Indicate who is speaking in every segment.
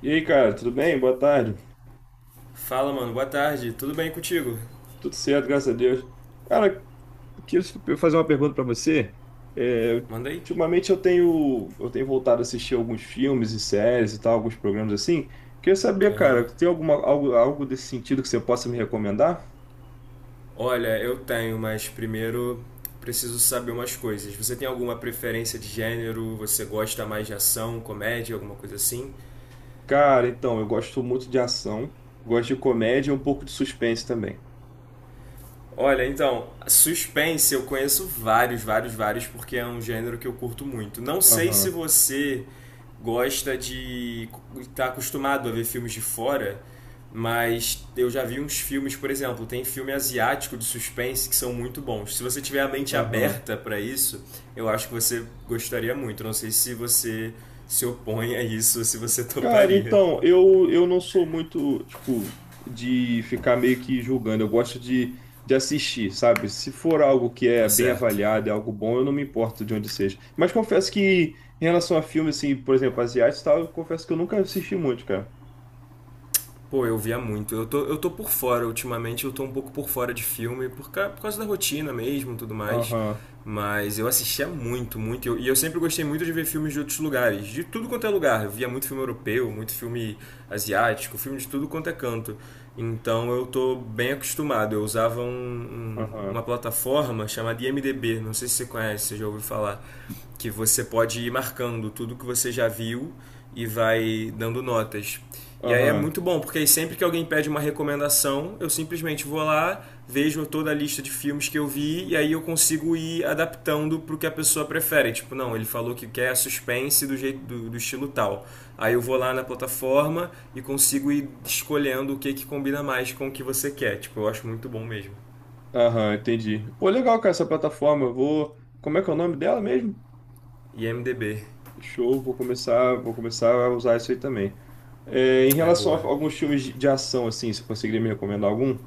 Speaker 1: E aí, cara, tudo bem? Boa tarde.
Speaker 2: Fala, mano. Boa tarde. Tudo bem contigo?
Speaker 1: Tudo certo, graças a Deus. Cara, queria eu fazer uma pergunta pra você. É,
Speaker 2: Manda aí.
Speaker 1: ultimamente eu tenho voltado a assistir alguns filmes e séries e tal, alguns programas assim. Queria saber,
Speaker 2: Aham.
Speaker 1: cara, tem alguma, algo desse sentido que você possa me recomendar?
Speaker 2: Olha, eu tenho, mas primeiro preciso saber umas coisas. Você tem alguma preferência de gênero? Você gosta mais de ação, comédia, alguma coisa assim?
Speaker 1: Cara, então, eu gosto muito de ação, gosto de comédia e um pouco de suspense também.
Speaker 2: Olha, então, suspense eu conheço vários, vários, vários, porque é um gênero que eu curto muito. Não sei se
Speaker 1: Aham,
Speaker 2: você gosta de estar acostumado a ver filmes de fora, mas eu já vi uns filmes, por exemplo, tem filme asiático de suspense que são muito bons. Se você tiver a mente
Speaker 1: aham.
Speaker 2: aberta para isso, eu acho que você gostaria muito. Não sei se você se opõe a isso, ou se você
Speaker 1: Cara,
Speaker 2: toparia.
Speaker 1: então, eu não sou muito, tipo, de ficar meio que julgando. Eu gosto de assistir, sabe? Se for algo que é
Speaker 2: Tá
Speaker 1: bem
Speaker 2: certo.
Speaker 1: avaliado, é algo bom, eu não me importo de onde seja. Mas confesso que, em relação a filmes, assim, por exemplo, asiáticos e tal, eu confesso que eu nunca assisti muito, cara.
Speaker 2: Pô, eu via muito. Eu tô por fora. Ultimamente eu tô um pouco por fora de filme, por causa da rotina mesmo e tudo mais.
Speaker 1: Aham,
Speaker 2: Mas eu assistia muito, muito. E eu sempre gostei muito de ver filmes de outros lugares, de tudo quanto é lugar. Eu via muito filme europeu, muito filme asiático, filme de tudo quanto é canto. Então eu tô bem acostumado. Eu usava
Speaker 1: aham,
Speaker 2: uma plataforma chamada IMDB, não sei se você conhece, você já ouviu falar que você pode ir marcando tudo que você já viu e vai dando notas. E aí é
Speaker 1: aham,
Speaker 2: muito bom, porque aí sempre que alguém pede uma recomendação, eu simplesmente vou lá, vejo toda a lista de filmes que eu vi e aí eu consigo ir adaptando para o que a pessoa prefere. Tipo, não, ele falou que quer suspense do jeito do estilo tal. Aí eu vou lá na plataforma e consigo ir escolhendo o que que combina mais com o que você quer. Tipo, eu acho muito bom mesmo.
Speaker 1: aham, entendi. Pô, legal, cara, essa plataforma. Eu vou. Como é que é o nome dela mesmo?
Speaker 2: IMDb
Speaker 1: Show, vou começar a usar isso aí também. É, em
Speaker 2: é
Speaker 1: relação a
Speaker 2: boa.
Speaker 1: alguns filmes de ação, assim, você conseguiria me recomendar algum?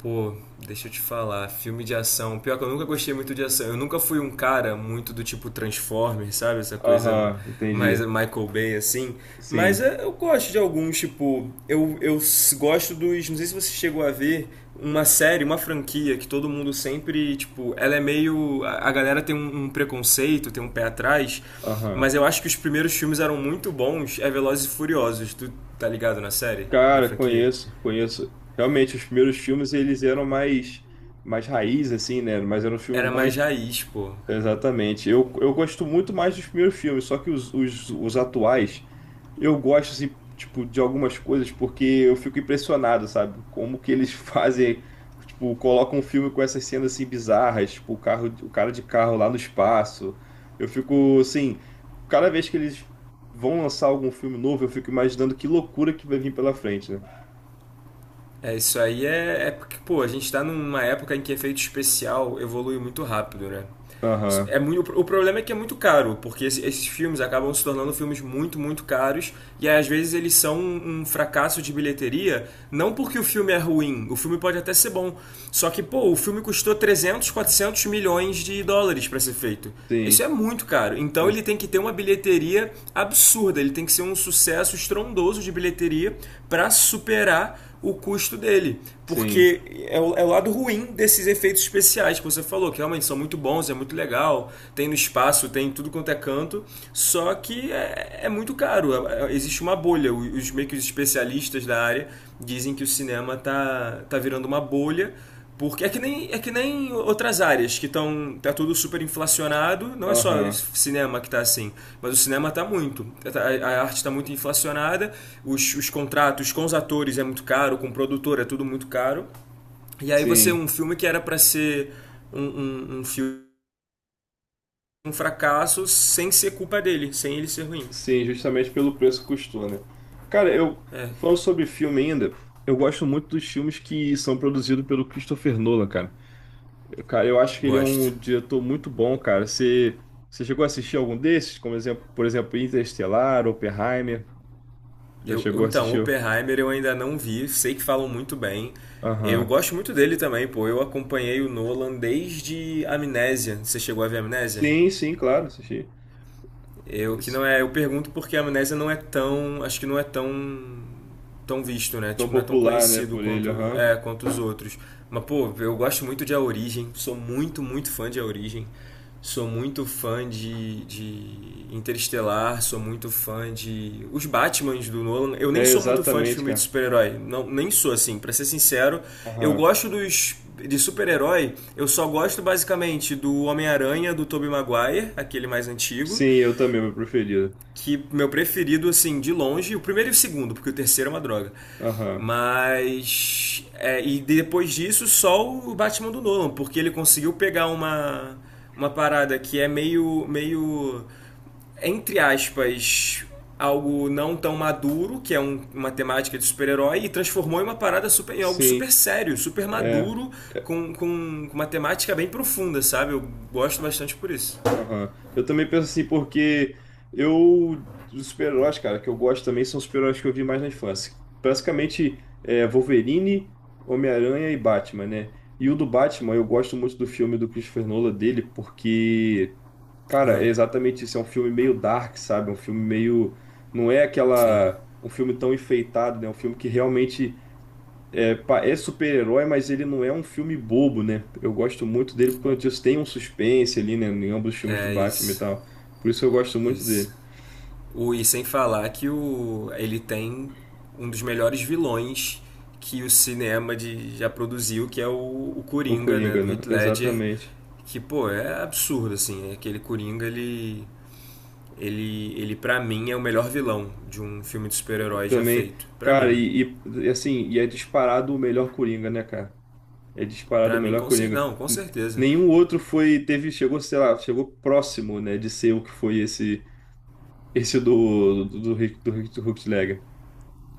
Speaker 2: Pô, deixa eu te falar, filme de ação. Pior que eu nunca gostei muito de ação. Eu nunca fui um cara muito do tipo Transformers, sabe? Essa coisa
Speaker 1: Aham,
Speaker 2: mais
Speaker 1: entendi.
Speaker 2: Michael Bay, assim. Mas
Speaker 1: Sim,
Speaker 2: é, eu gosto de alguns, tipo. Eu gosto dos. Não sei se você chegou a ver uma série, uma franquia que todo mundo sempre, tipo. Ela é meio. A galera tem um preconceito, tem um pé atrás.
Speaker 1: aham.
Speaker 2: Mas eu acho que os primeiros filmes eram muito bons. É Velozes e Furiosos. Tu tá ligado na série? Na
Speaker 1: Cara,
Speaker 2: franquia?
Speaker 1: conheço, conheço. Realmente, os primeiros filmes, eles eram mais, mais raiz, assim, né? Mas eram filmes
Speaker 2: Era mais
Speaker 1: bons.
Speaker 2: raiz, pô.
Speaker 1: Exatamente. Eu gosto muito mais dos primeiros filmes, só que os atuais, eu gosto, assim, tipo, de algumas coisas, porque eu fico impressionado, sabe? Como que eles fazem, tipo, colocam um filme com essas cenas, assim, bizarras, tipo, o carro, o cara de carro lá no espaço. Eu fico, assim, cada vez que eles vão lançar algum filme novo, eu fico imaginando que loucura que vai vir pela frente, né?
Speaker 2: É, isso aí é porque, pô, a gente tá numa época em que efeito especial evolui muito rápido, né? Isso
Speaker 1: Aham,
Speaker 2: é muito, o problema é que é muito caro, porque esses filmes acabam se tornando filmes muito, muito caros, e aí, às vezes eles são um fracasso de bilheteria, não porque o filme é ruim, o filme pode até ser bom, só que, pô, o filme custou 300 400 milhões de dólares para ser feito. Isso é
Speaker 1: sim,
Speaker 2: muito caro. Então ele
Speaker 1: ex-
Speaker 2: tem que ter uma bilheteria absurda, ele tem que ser um sucesso estrondoso de bilheteria para superar o custo dele.
Speaker 1: sim,
Speaker 2: Porque é o lado ruim desses efeitos especiais que você falou, que realmente são muito bons, é muito legal, tem no espaço, tem tudo quanto é canto, só que é muito caro, existe uma bolha. Os meio que os especialistas da área dizem que o cinema tá virando uma bolha porque é que nem outras áreas que estão. Tá tudo super inflacionado. Não é só
Speaker 1: aham,
Speaker 2: cinema que tá assim, mas o cinema tá muito. A arte tá muito inflacionada, os contratos com os atores é muito caro, com o produtor é tudo muito caro. E aí você,
Speaker 1: sim.
Speaker 2: um filme que era para ser um filme um fracasso sem ser culpa dele, sem ele ser ruim.
Speaker 1: Sim, justamente pelo preço que custou, né? Cara, eu
Speaker 2: É,
Speaker 1: falando sobre filme ainda, eu gosto muito dos filmes que são produzidos pelo Christopher Nolan, cara. Eu, cara, eu acho que ele é
Speaker 2: gosto.
Speaker 1: um diretor muito bom, cara. Você chegou a assistir algum desses? Como exemplo, por exemplo, Interestelar, Oppenheimer? Já chegou a
Speaker 2: Então,
Speaker 1: assistir?
Speaker 2: Oppenheimer eu ainda não vi, sei que falam muito bem. Eu
Speaker 1: Aham.
Speaker 2: gosto muito dele também, pô. Eu acompanhei o Nolan desde Amnésia. Você chegou a ver Amnésia?
Speaker 1: Sim, sim, claro, assisti.
Speaker 2: Eu que
Speaker 1: Esse-
Speaker 2: não é, eu pergunto porque a amnésia não é tão, acho que não é tão visto, né?
Speaker 1: Tão
Speaker 2: Tipo, não é tão
Speaker 1: popular, né,
Speaker 2: conhecido
Speaker 1: por ele, aham.
Speaker 2: quanto os outros. Mas pô, eu gosto muito de A Origem, sou muito, muito fã de A Origem. Sou muito fã de Interestelar, sou muito fã de os Batmans do Nolan. Eu nem
Speaker 1: É,
Speaker 2: sou muito fã de
Speaker 1: exatamente,
Speaker 2: filme de
Speaker 1: cara.
Speaker 2: super-herói, não, nem sou assim, para ser sincero. Eu
Speaker 1: Aham.
Speaker 2: gosto dos de super-herói, eu só gosto basicamente do Homem-Aranha do Tobey Maguire, aquele mais antigo,
Speaker 1: Sim, eu também, meu preferido.
Speaker 2: que meu preferido, assim, de longe, o primeiro e o segundo, porque o terceiro é uma droga.
Speaker 1: Aham.
Speaker 2: Mas. É, e depois disso, só o Batman do Nolan, porque ele conseguiu pegar uma, parada que é meio, entre aspas. Algo não tão maduro, que é uma temática de super-herói, e transformou em uma parada super, em algo super
Speaker 1: Sim.
Speaker 2: sério, super
Speaker 1: é.
Speaker 2: maduro, com uma temática bem profunda, sabe? Eu gosto bastante por isso.
Speaker 1: Aham. Eu também penso assim, porque eu, os super-heróis, cara, que eu gosto também são os super-heróis que eu vi mais na infância. Basicamente, é, Wolverine, Homem-Aranha e Batman, né? E o do Batman, eu gosto muito do filme do Christopher Nolan dele, porque, cara,
Speaker 2: Ah,
Speaker 1: é exatamente isso. É um filme meio dark, sabe? Um filme meio. Não é
Speaker 2: sim.
Speaker 1: aquela. Um filme tão enfeitado, né? Um filme que realmente é, é super-herói, mas ele não é um filme bobo, né? Eu gosto muito dele porque eu disse, tem um suspense ali, né? Em ambos os filmes do
Speaker 2: É
Speaker 1: Batman e
Speaker 2: isso.
Speaker 1: tal. Por isso eu gosto muito
Speaker 2: Isso.
Speaker 1: dele.
Speaker 2: E sem falar que ele tem um dos melhores vilões que o cinema já produziu, que é o
Speaker 1: O
Speaker 2: Coringa, né,
Speaker 1: Coringa,
Speaker 2: do
Speaker 1: né?
Speaker 2: Heath Ledger,
Speaker 1: Exatamente.
Speaker 2: que, pô, é absurdo, assim, né, aquele Coringa, ele para mim é o melhor vilão de um filme de super-herói já
Speaker 1: Também,
Speaker 2: feito, pra
Speaker 1: cara,
Speaker 2: mim.
Speaker 1: e, assim, e é disparado o melhor Coringa, né, cara? É disparado o
Speaker 2: Pra mim,
Speaker 1: melhor
Speaker 2: com
Speaker 1: Coringa.
Speaker 2: não, com certeza.
Speaker 1: Nenhum outro foi, teve, chegou, sei lá, chegou próximo, né, de ser o que foi esse, esse do Heath Ledger.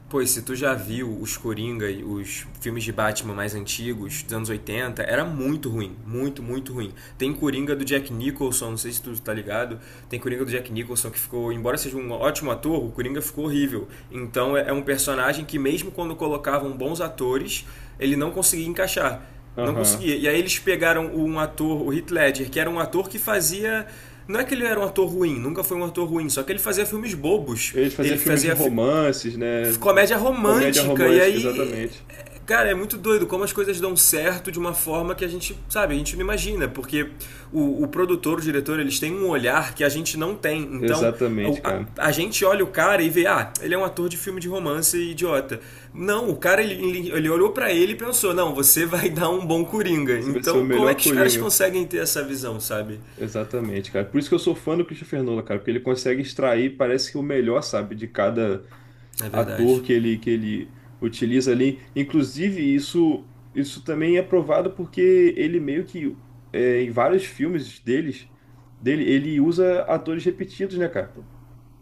Speaker 2: Pois se tu já viu os Coringa, os filmes de Batman mais antigos, dos anos 80, era muito ruim. Muito, muito ruim. Tem Coringa do Jack Nicholson, não sei se tu tá ligado. Tem Coringa do Jack Nicholson que ficou, embora seja um ótimo ator, o Coringa ficou horrível. Então é um personagem que, mesmo quando colocavam bons atores, ele não conseguia encaixar. Não
Speaker 1: Aham.
Speaker 2: conseguia. E aí eles pegaram um ator, o Heath Ledger, que era um ator que fazia não é que ele era um ator ruim, nunca foi um ator ruim, só que ele fazia filmes bobos.
Speaker 1: Ele fazia
Speaker 2: Ele
Speaker 1: filmes de
Speaker 2: fazia
Speaker 1: romances, né?
Speaker 2: comédia
Speaker 1: Comédia
Speaker 2: romântica. E
Speaker 1: romântica,
Speaker 2: aí,
Speaker 1: exatamente.
Speaker 2: cara, é muito doido como as coisas dão certo de uma forma que a gente, sabe, a gente não imagina. Porque o produtor, o diretor, eles têm um olhar que a gente não tem. Então,
Speaker 1: Exatamente,
Speaker 2: a,
Speaker 1: cara.
Speaker 2: a gente olha o cara e vê, ah, ele é um ator de filme de romance idiota. Não, o cara, ele, olhou pra ele e pensou, não, você vai dar um bom Coringa.
Speaker 1: Você vai ser o
Speaker 2: Então, como é
Speaker 1: melhor
Speaker 2: que os caras
Speaker 1: Coringa.
Speaker 2: conseguem ter essa visão, sabe?
Speaker 1: Exatamente, cara. Por isso que eu sou fã do Christopher Nolan, cara, porque ele consegue extrair, parece que o melhor, sabe, de cada
Speaker 2: É
Speaker 1: ator
Speaker 2: verdade.
Speaker 1: que ele utiliza ali. Inclusive, isso também é provado porque ele meio que é, em vários filmes dele, ele usa atores repetidos, né, cara?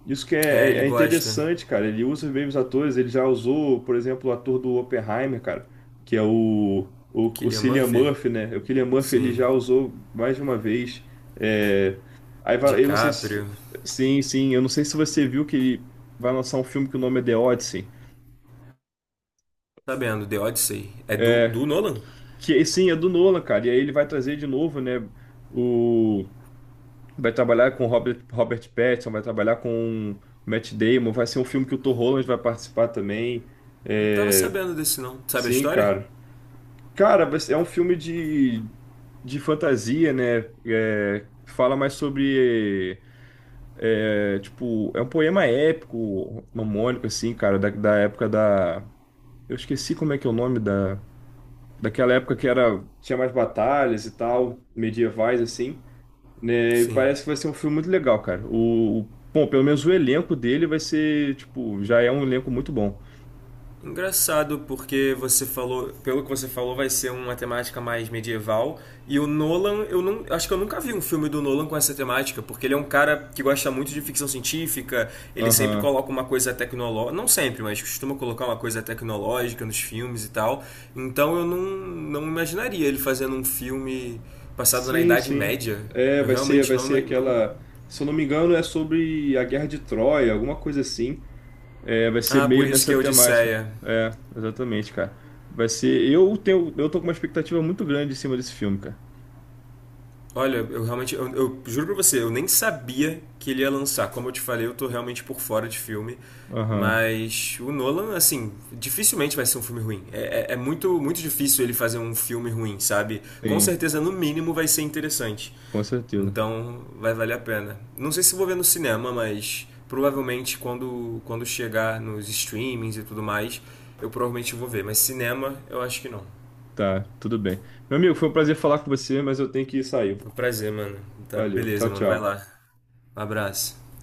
Speaker 1: Isso que é,
Speaker 2: É, ele
Speaker 1: é
Speaker 2: gosta.
Speaker 1: interessante, cara. Ele usa bem os atores. Ele já usou, por exemplo, o ator do Oppenheimer, cara, que é o
Speaker 2: Killian
Speaker 1: Cillian
Speaker 2: Murphy?
Speaker 1: Murphy, né? O Cillian Murphy ele
Speaker 2: Sim.
Speaker 1: já usou mais de uma vez. É... Aí eu não sei se.
Speaker 2: DiCaprio.
Speaker 1: Sim, sim. Eu não sei se você viu que ele vai lançar um filme que o nome é The Odyssey.
Speaker 2: Sabendo, The Odyssey. É do,
Speaker 1: É...
Speaker 2: do Nolan?
Speaker 1: Que sim, é do Nolan, cara. E aí ele vai trazer de novo, né? Vai trabalhar com Robert Pattinson, vai trabalhar com Matt Damon, vai ser um filme que o Tom Holland vai participar também.
Speaker 2: Não tava
Speaker 1: É,
Speaker 2: sabendo desse, não. Sabe a
Speaker 1: sim,
Speaker 2: história?
Speaker 1: cara. Cara, é um filme de fantasia, né? É, fala mais sobre, é, tipo, é um poema épico, mamônico, assim, cara, da época da... Eu esqueci como é que é o nome da... Daquela época que era, tinha mais batalhas e tal, medievais, assim. Né, e
Speaker 2: Sim.
Speaker 1: parece que vai ser um filme muito legal, cara. Bom, pelo menos o elenco dele vai ser, tipo, já é um elenco muito bom.
Speaker 2: Engraçado, porque você falou, pelo que você falou, vai ser uma temática mais medieval. E o Nolan, eu não, acho que eu nunca vi um filme do Nolan com essa temática, porque ele é um cara que gosta muito de ficção científica, ele sempre
Speaker 1: Aham.
Speaker 2: coloca uma coisa tecnológica, não sempre, mas costuma colocar uma coisa tecnológica nos filmes e tal. Então eu não imaginaria ele fazendo um filme passado na
Speaker 1: Sim,
Speaker 2: Idade
Speaker 1: sim.
Speaker 2: Média.
Speaker 1: É,
Speaker 2: Eu
Speaker 1: vai ser,
Speaker 2: realmente
Speaker 1: vai
Speaker 2: não, ima-
Speaker 1: ser
Speaker 2: não
Speaker 1: aquela, se eu não me engano, é sobre a Guerra de Troia, alguma coisa assim. É, vai ser
Speaker 2: Ah, por
Speaker 1: meio
Speaker 2: isso que
Speaker 1: nessa
Speaker 2: é
Speaker 1: temática.
Speaker 2: Odisseia.
Speaker 1: É, exatamente, cara. Vai ser, eu tenho, eu tô com uma expectativa muito grande em cima desse filme, cara.
Speaker 2: Olha, eu realmente, eu juro pra você, eu nem sabia que ele ia lançar. Como eu te falei, eu tô realmente por fora de filme.
Speaker 1: Aham.
Speaker 2: Mas o Nolan, assim, dificilmente vai ser um filme ruim. É muito, muito difícil ele fazer um filme ruim, sabe? Com
Speaker 1: Sim,
Speaker 2: certeza, no mínimo, vai ser interessante.
Speaker 1: com certeza.
Speaker 2: Então, vai valer a pena. Não sei se vou ver no cinema, mas provavelmente quando chegar nos streamings e tudo mais, eu provavelmente vou ver. Mas cinema, eu acho que não.
Speaker 1: Tá, tudo bem. Meu amigo, foi um prazer falar com você, mas eu tenho que sair.
Speaker 2: Foi um prazer, mano. Tá,
Speaker 1: Valeu. Tchau,
Speaker 2: beleza, mano. Vai
Speaker 1: tchau.
Speaker 2: lá. Um abraço.